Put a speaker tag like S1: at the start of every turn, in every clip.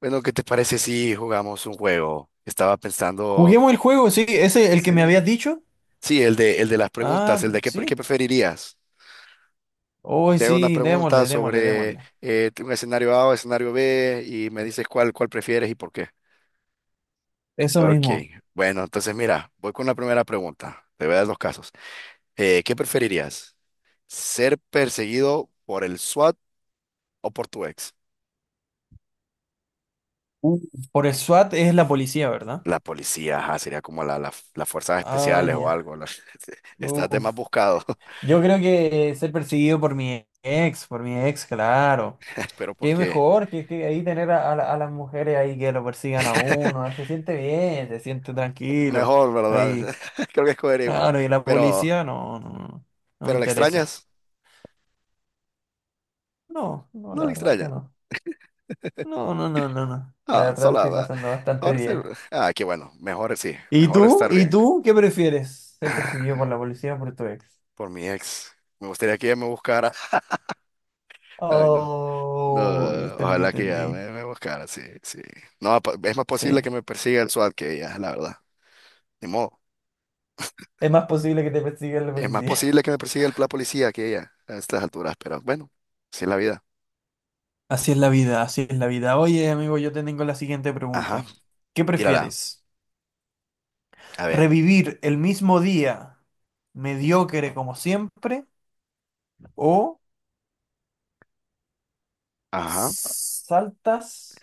S1: Bueno, ¿qué te parece si jugamos un juego? Estaba pensando,
S2: Juguemos el juego, sí, ese
S1: sí,
S2: el que me
S1: sí,
S2: habías dicho.
S1: sí, el de las preguntas,
S2: Ah,
S1: el de qué, qué
S2: sí.
S1: preferirías.
S2: Oh,
S1: Te hago una
S2: sí,
S1: pregunta
S2: démosle, démosle,
S1: sobre
S2: démosle.
S1: un escenario A o escenario B y me dices cuál, cuál prefieres y por qué.
S2: Eso
S1: Ok,
S2: mismo.
S1: bueno, entonces mira, voy con la primera pregunta. Te voy a dar dos casos. ¿Qué preferirías? ¿Ser perseguido por el SWAT o por tu ex?
S2: Uf, por el SWAT es la policía, ¿verdad?
S1: La policía, ajá, sería como la, las fuerzas
S2: Ah,
S1: especiales o
S2: ya.
S1: algo. La- Estás de más
S2: Uf.
S1: buscado,
S2: Yo creo que ser perseguido por mi ex, claro.
S1: pero
S2: Qué
S1: porque
S2: mejor que ahí tener a a las mujeres ahí que lo persigan a uno. Se siente bien, se siente tranquilo.
S1: mejor, ¿verdad?
S2: Ahí.
S1: Creo que escogería igual.
S2: Claro, y la
S1: Pero,
S2: policía no, no, no, no me
S1: pero ¿la
S2: interesa.
S1: extrañas?
S2: No, no,
S1: No
S2: la
S1: la
S2: verdad es
S1: extrañas.
S2: que no. No, no, no, no, no. La
S1: Ah,
S2: verdad lo
S1: sola,
S2: estoy
S1: va.
S2: pasando bastante
S1: Ahora sí.
S2: bien.
S1: Ah, qué bueno. Mejor sí.
S2: ¿Y
S1: Mejor
S2: tú?
S1: estar
S2: ¿Y
S1: bien.
S2: tú qué prefieres? ¿Ser perseguido por la policía o por tu ex?
S1: Por mi ex. Me gustaría que ella me buscara. Ay, no. No,
S2: Oh, entendí,
S1: ojalá que ella
S2: entendí.
S1: me, me buscara, sí, sí. No, es más posible
S2: Sí.
S1: que me persiga el SWAT que ella, la verdad. Ni modo.
S2: Es más posible que te persiga la
S1: Es más
S2: policía.
S1: posible que me persiga el, la policía que ella a estas alturas, pero bueno, así es la vida.
S2: Así es la vida, así es la vida. Oye, amigo, yo te tengo la siguiente
S1: Ajá,
S2: pregunta. ¿Qué
S1: tírala.
S2: prefieres?
S1: A ver.
S2: ¿Revivir el mismo día mediocre como siempre o
S1: Ajá.
S2: saltas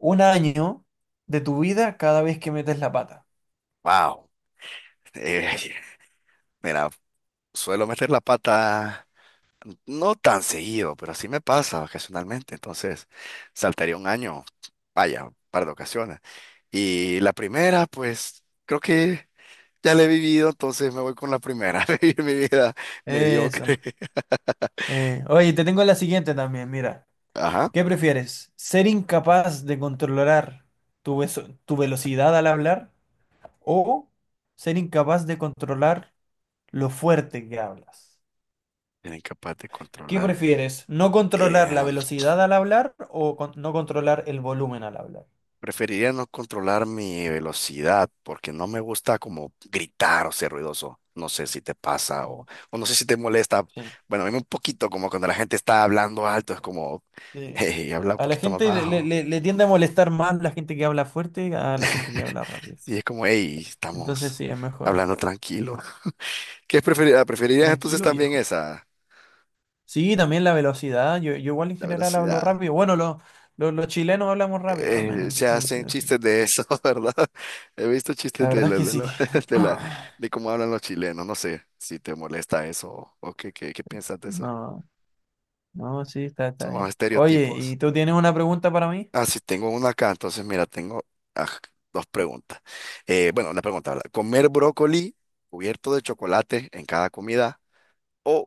S2: un año de tu vida cada vez que metes la pata?
S1: Wow. Mira. Suelo meter la pata no tan seguido, pero así me pasa ocasionalmente. Entonces, saltaría un año, vaya, un par de ocasiones. Y la primera, pues, creo que ya la he vivido, entonces me voy con la primera. Vivir mi vida
S2: Eso.
S1: mediocre.
S2: Oye, te tengo la siguiente también, mira.
S1: Ajá.
S2: ¿Qué prefieres? ¿Ser incapaz de controlar tu, tu velocidad al hablar o ser incapaz de controlar lo fuerte que hablas?
S1: Era incapaz de
S2: ¿Qué
S1: controlar.
S2: prefieres? ¿No controlar la
S1: em,
S2: velocidad al hablar o no controlar el volumen al hablar?
S1: Preferiría no controlar mi velocidad porque no me gusta como gritar o ser ruidoso. No sé si te pasa
S2: Mm.
S1: o no sé si te molesta.
S2: Sí,
S1: Bueno, a mí un poquito como cuando la gente está hablando alto, es como,
S2: sí.
S1: hey, habla un
S2: A la
S1: poquito más
S2: gente le,
S1: bajo.
S2: le tiende a molestar más la gente que habla fuerte a la gente que habla rápido.
S1: Y es como, hey,
S2: Entonces
S1: estamos
S2: sí, es mejor.
S1: hablando tranquilo. ¿Qué preferirías? ¿Preferirías entonces
S2: Tranquilo,
S1: también
S2: viejo.
S1: esa,
S2: Sí, también la velocidad. Yo igual en
S1: la
S2: general hablo
S1: velocidad?
S2: rápido. Bueno, los chilenos hablamos rápido también en
S1: Se
S2: ese
S1: hacen
S2: sentido, sí.
S1: chistes de eso, ¿verdad? He visto chistes
S2: La verdad es que
S1: de
S2: sí.
S1: la, de la- de cómo hablan los chilenos. No sé si te molesta eso o qué, qué, qué piensas de eso.
S2: No, no, sí, está, está
S1: Son los
S2: bien. Oye,
S1: estereotipos.
S2: ¿y tú tienes una pregunta para mí?
S1: Ah, sí, tengo una acá. Entonces, mira, tengo ah, dos preguntas. Bueno, una pregunta, ¿verdad? ¿Comer brócoli cubierto de chocolate en cada comida o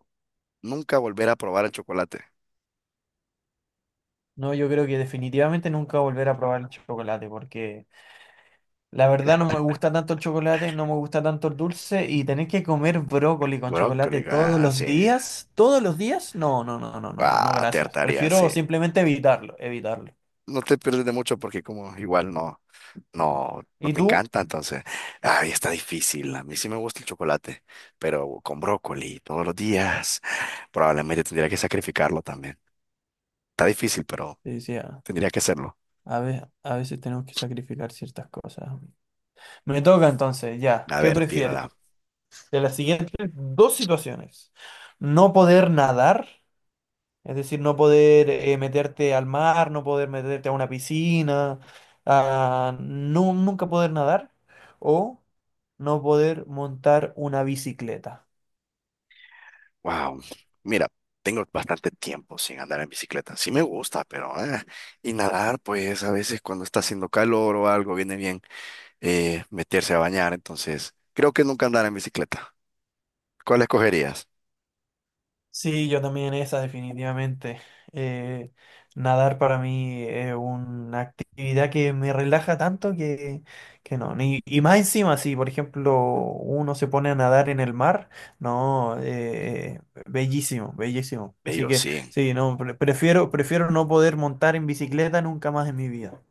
S1: nunca volver a probar el chocolate?
S2: No, yo creo que definitivamente nunca volver a probar el chocolate, porque la verdad no me gusta tanto el chocolate, no me gusta tanto el dulce, y tener que comer brócoli con chocolate
S1: Brócoli, ah, sí.
S2: todos los días, no, no, no, no, no, no, no,
S1: Ah, te
S2: gracias.
S1: hartaría,
S2: Prefiero
S1: sí.
S2: simplemente evitarlo, evitarlo.
S1: No te pierdes de mucho porque como igual no. No, no
S2: ¿Y
S1: te
S2: tú?
S1: encanta, entonces. Ay, está difícil. A mí sí me gusta el chocolate, pero con brócoli todos los días. Probablemente tendría que sacrificarlo también. Está difícil, pero
S2: Sí, sí, ah.
S1: tendría que hacerlo.
S2: A veces tenemos que sacrificar ciertas cosas. Me toca entonces, ya.
S1: A
S2: ¿Qué
S1: ver,
S2: prefieres?
S1: tírala.
S2: De las siguientes dos situaciones. No poder nadar, es decir, no poder meterte al mar, no poder meterte a una piscina, a nunca poder nadar, o no poder montar una bicicleta.
S1: Wow. Mira, tengo bastante tiempo sin andar en bicicleta. Sí me gusta, pero y nadar, pues a veces cuando está haciendo calor o algo, viene bien meterse a bañar. Entonces, creo que nunca andar en bicicleta. ¿Cuál escogerías?
S2: Sí, yo también esa, definitivamente. Eh, nadar para mí es una actividad que me relaja tanto que no. Y más encima, si por ejemplo uno se pone a nadar en el mar, no, bellísimo, bellísimo. Así
S1: Bello,
S2: que
S1: sí.
S2: sí, no, prefiero, prefiero no poder montar en bicicleta nunca más en mi vida.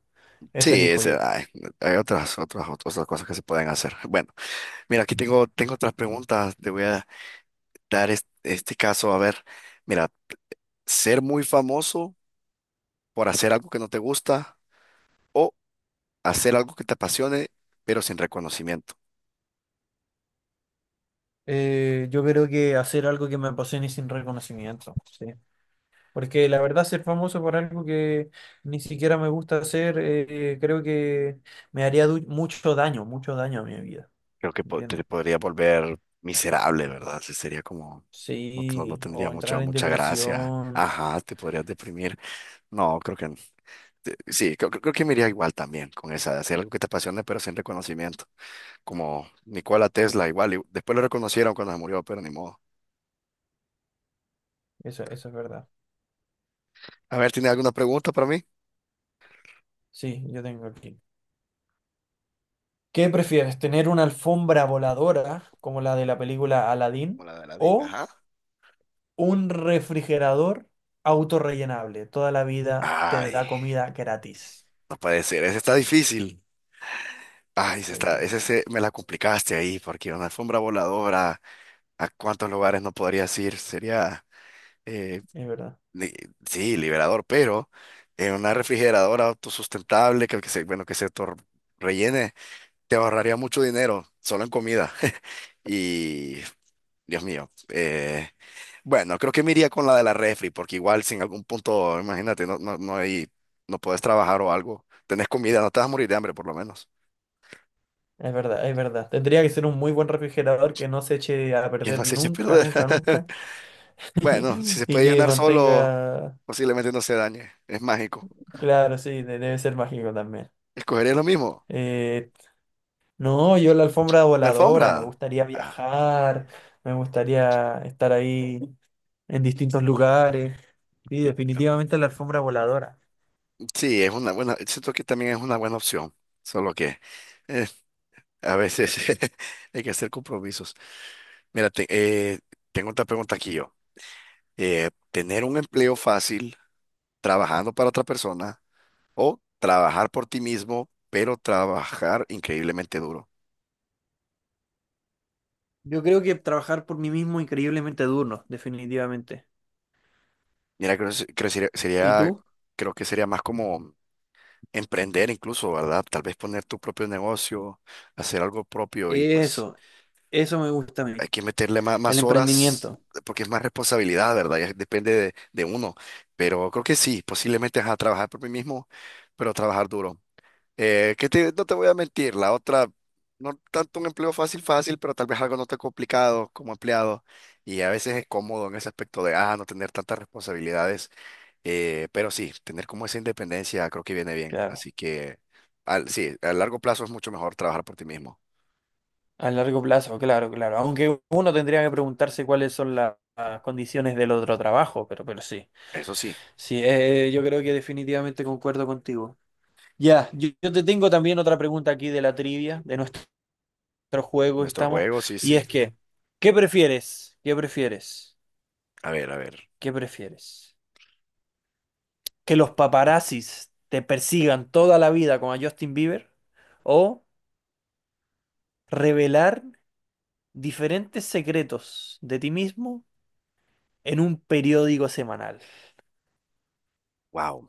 S1: Sí,
S2: Eso elijo
S1: ese,
S2: yo.
S1: ay, hay otras, otras, otras cosas que se pueden hacer. Bueno, mira, aquí tengo, tengo otras preguntas. Te voy a dar este caso. A ver, mira, ser muy famoso por hacer algo que no te gusta o hacer algo que te apasione, pero sin reconocimiento.
S2: Yo creo que hacer algo que me apasione sin reconocimiento. Porque la verdad ser famoso por algo que ni siquiera me gusta hacer, creo que me haría mucho daño a mi vida.
S1: Creo que te
S2: ¿Entiendes?
S1: podría volver miserable, ¿verdad? Sí, sería como, no, no
S2: Sí,
S1: tendría
S2: o
S1: mucha,
S2: entrar en
S1: mucha gracia.
S2: depresión.
S1: Ajá, te podrías deprimir. No, creo que, sí, creo, creo que me iría igual también con esa, de hacer algo que te apasione, pero sin reconocimiento. Como Nikola Tesla, igual. Y después lo reconocieron cuando se murió, pero ni modo.
S2: Eso es verdad.
S1: A ver, ¿tiene alguna pregunta para mí?
S2: Sí, yo tengo aquí. ¿Qué prefieres? ¿Tener una alfombra voladora como la de la película
S1: Como
S2: Aladdin
S1: la de Aladdin,
S2: o
S1: ajá.
S2: un refrigerador autorrellenable? Toda la vida te
S1: Ay,
S2: da comida gratis.
S1: no puede ser, ese está difícil. Ay, ese
S2: Está
S1: está,
S2: difícil.
S1: me la complicaste ahí, porque una alfombra voladora, ¿a cuántos lugares no podrías ir? Sería, eh,
S2: Es verdad.
S1: li- sí, liberador, pero en una refrigeradora autosustentable que se, bueno, rellene. Te ahorraría mucho dinero solo en comida. Y, Dios mío, bueno, creo que me iría con la de la refri, porque igual si en algún punto, imagínate, no, no, no hay, no puedes trabajar o algo, tenés comida, no te vas a morir de hambre por lo menos.
S2: Es verdad, es verdad. Tendría que ser un muy buen refrigerador que no se eche a
S1: ¿Quién
S2: perder
S1: más se echa a
S2: nunca,
S1: perder?
S2: nunca, nunca.
S1: Bueno, si se
S2: Y
S1: puede
S2: que
S1: llenar solo,
S2: mantenga.
S1: posiblemente no se dañe, es mágico.
S2: Claro, sí, debe ser mágico también.
S1: Escogería lo mismo,
S2: Eh, no, yo la alfombra
S1: la
S2: voladora, me
S1: alfombra.
S2: gustaría
S1: Ah,
S2: viajar, me gustaría estar ahí en distintos lugares. Sí,
S1: sí,
S2: definitivamente la alfombra voladora.
S1: sí, es una buena, siento que también es una buena opción, solo que... eh, a veces hay que hacer compromisos. Mira, tengo otra pregunta aquí yo. ¿Tener un empleo fácil trabajando para otra persona o trabajar por ti mismo, pero trabajar increíblemente duro?
S2: Yo creo que trabajar por mí mismo increíblemente duro, definitivamente.
S1: Mira, creo, que creo sería,
S2: ¿Y tú?
S1: creo que sería más como emprender incluso, ¿verdad? Tal vez poner tu propio negocio, hacer algo propio y pues...
S2: Eso, eso me gusta a mí,
S1: hay que meterle más,
S2: el
S1: más horas
S2: emprendimiento.
S1: porque es más responsabilidad, ¿verdad? Ya depende de uno. Pero creo que sí, posiblemente a trabajar por mí mismo, pero trabajar duro. No te voy a mentir, la otra, no tanto un empleo fácil, fácil, pero tal vez algo no tan complicado como empleado. Y a veces es cómodo en ese aspecto de, ah, no tener tantas responsabilidades. Pero sí, tener como esa independencia creo que viene bien.
S2: Claro.
S1: Así que, sí, a largo plazo es mucho mejor trabajar por ti mismo.
S2: A largo plazo, claro, claro. Aunque uno tendría que preguntarse cuáles son las condiciones del otro trabajo, pero sí.
S1: Eso sí,
S2: Sí, yo creo que definitivamente concuerdo contigo. Ya, yo te tengo también otra pregunta aquí de la trivia, de nuestro juego que
S1: nuestro
S2: estamos,
S1: juego, sí,
S2: y
S1: sí.
S2: es que, ¿qué prefieres? ¿Qué prefieres?
S1: A ver, a ver.
S2: ¿Qué prefieres? ¿Que los paparazzis te persigan toda la vida como a Justin Bieber? ¿O revelar diferentes secretos de ti mismo en un periódico semanal?
S1: Wow.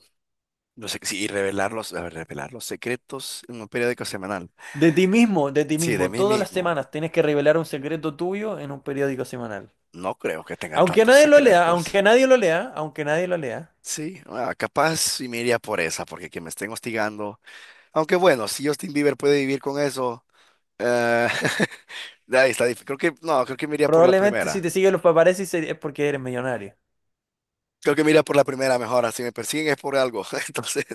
S1: No sé, sí, y revelar los, a ver, revelar los secretos en un periódico semanal.
S2: De ti mismo, de ti
S1: Sí, de
S2: mismo.
S1: mí
S2: Todas las
S1: mismo.
S2: semanas tienes que revelar un secreto tuyo en un periódico semanal.
S1: No creo que tenga
S2: Aunque
S1: tantos
S2: nadie lo lea,
S1: secretos.
S2: aunque nadie lo lea, aunque nadie lo lea.
S1: Sí, ah, capaz sí me iría por esa, porque que me estén hostigando. Aunque bueno, si Justin Bieber puede vivir con eso, eh, ahí está difícil. Creo que, no, creo que me iría por la
S2: Probablemente si
S1: primera.
S2: te siguen los paparazzi es porque eres millonario.
S1: Creo que me iría por la primera mejor. Ah, si me persiguen es por algo. Entonces,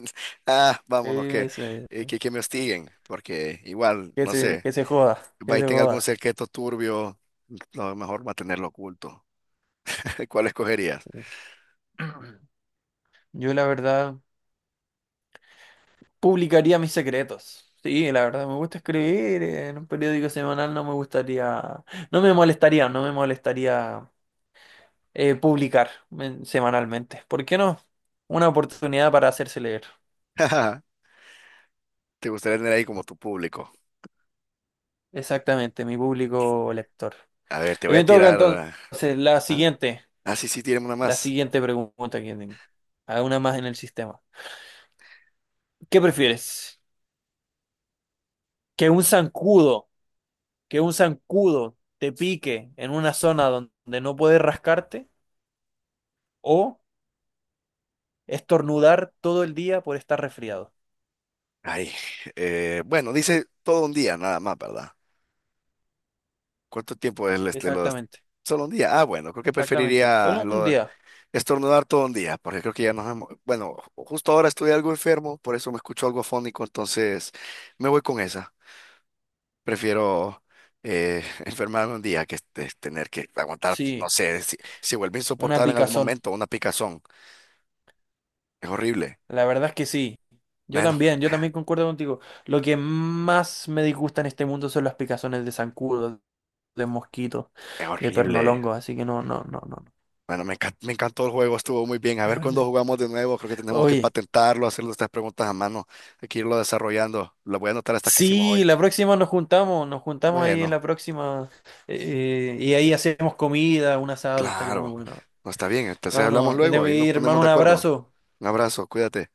S1: ah, vámonos,
S2: Eso es.
S1: que me hostiguen, porque igual, no sé,
S2: Que se joda, que
S1: va y
S2: se
S1: tenga algún
S2: joda.
S1: secreto turbio. Lo mejor mantenerlo oculto. ¿Cuál escogerías?
S2: Yo la verdad publicaría mis secretos. Sí, la verdad me gusta escribir. En un periódico semanal no me gustaría, no me molestaría, no me molestaría publicar semanalmente. ¿Por qué no? Una oportunidad para hacerse leer.
S1: Te gustaría tener ahí como tu público.
S2: Exactamente, mi público lector.
S1: A ver, te voy a
S2: Me toca
S1: tirar.
S2: entonces
S1: ¿Ah? Ah, sí, sí, tiremos una
S2: la
S1: más.
S2: siguiente pregunta que tengo. Hay una más en el sistema. ¿Qué prefieres? ¿Que un zancudo, que un zancudo te pique en una zona donde no puedes rascarte o estornudar todo el día por estar resfriado?
S1: Ay, bueno, dice todo un día nada más, ¿verdad? ¿Cuánto tiempo es este,
S2: Exactamente,
S1: solo un día? Ah, bueno, creo que
S2: exactamente.
S1: preferiría
S2: Solo un día.
S1: estornudar todo un día, porque creo que ya nos hemos... Bueno, justo ahora estoy algo enfermo, por eso me escucho algo afónico, entonces me voy con esa. Prefiero enfermarme un día que este, tener que aguantar, no
S2: Sí,
S1: sé, si, si vuelve
S2: una
S1: insoportable en algún
S2: picazón.
S1: momento, una picazón. Es horrible.
S2: La verdad es que sí.
S1: Bueno,
S2: Yo también concuerdo contigo. Lo que más me disgusta en este mundo son las picazones de zancudos, de mosquitos,
S1: es
S2: de
S1: horrible.
S2: pernolongos, así que no, no, no, no, no,
S1: Bueno, me encantó el juego, estuvo muy bien. A ver
S2: la
S1: cuándo
S2: verdad.
S1: jugamos de nuevo, creo que tenemos que
S2: Oye,
S1: patentarlo, hacer estas preguntas a mano, hay que irlo desarrollando. Lo voy a anotar estas que hicimos hoy.
S2: sí, la próxima nos juntamos ahí en
S1: Bueno.
S2: la próxima y ahí hacemos comida, un asado, estaría muy
S1: Claro,
S2: bueno.
S1: no está bien. Entonces hablamos
S2: Hermano, me
S1: luego,
S2: tengo que
S1: ahí nos
S2: ir,
S1: ponemos
S2: hermano,
S1: de
S2: un
S1: acuerdo.
S2: abrazo.
S1: Un abrazo, cuídate.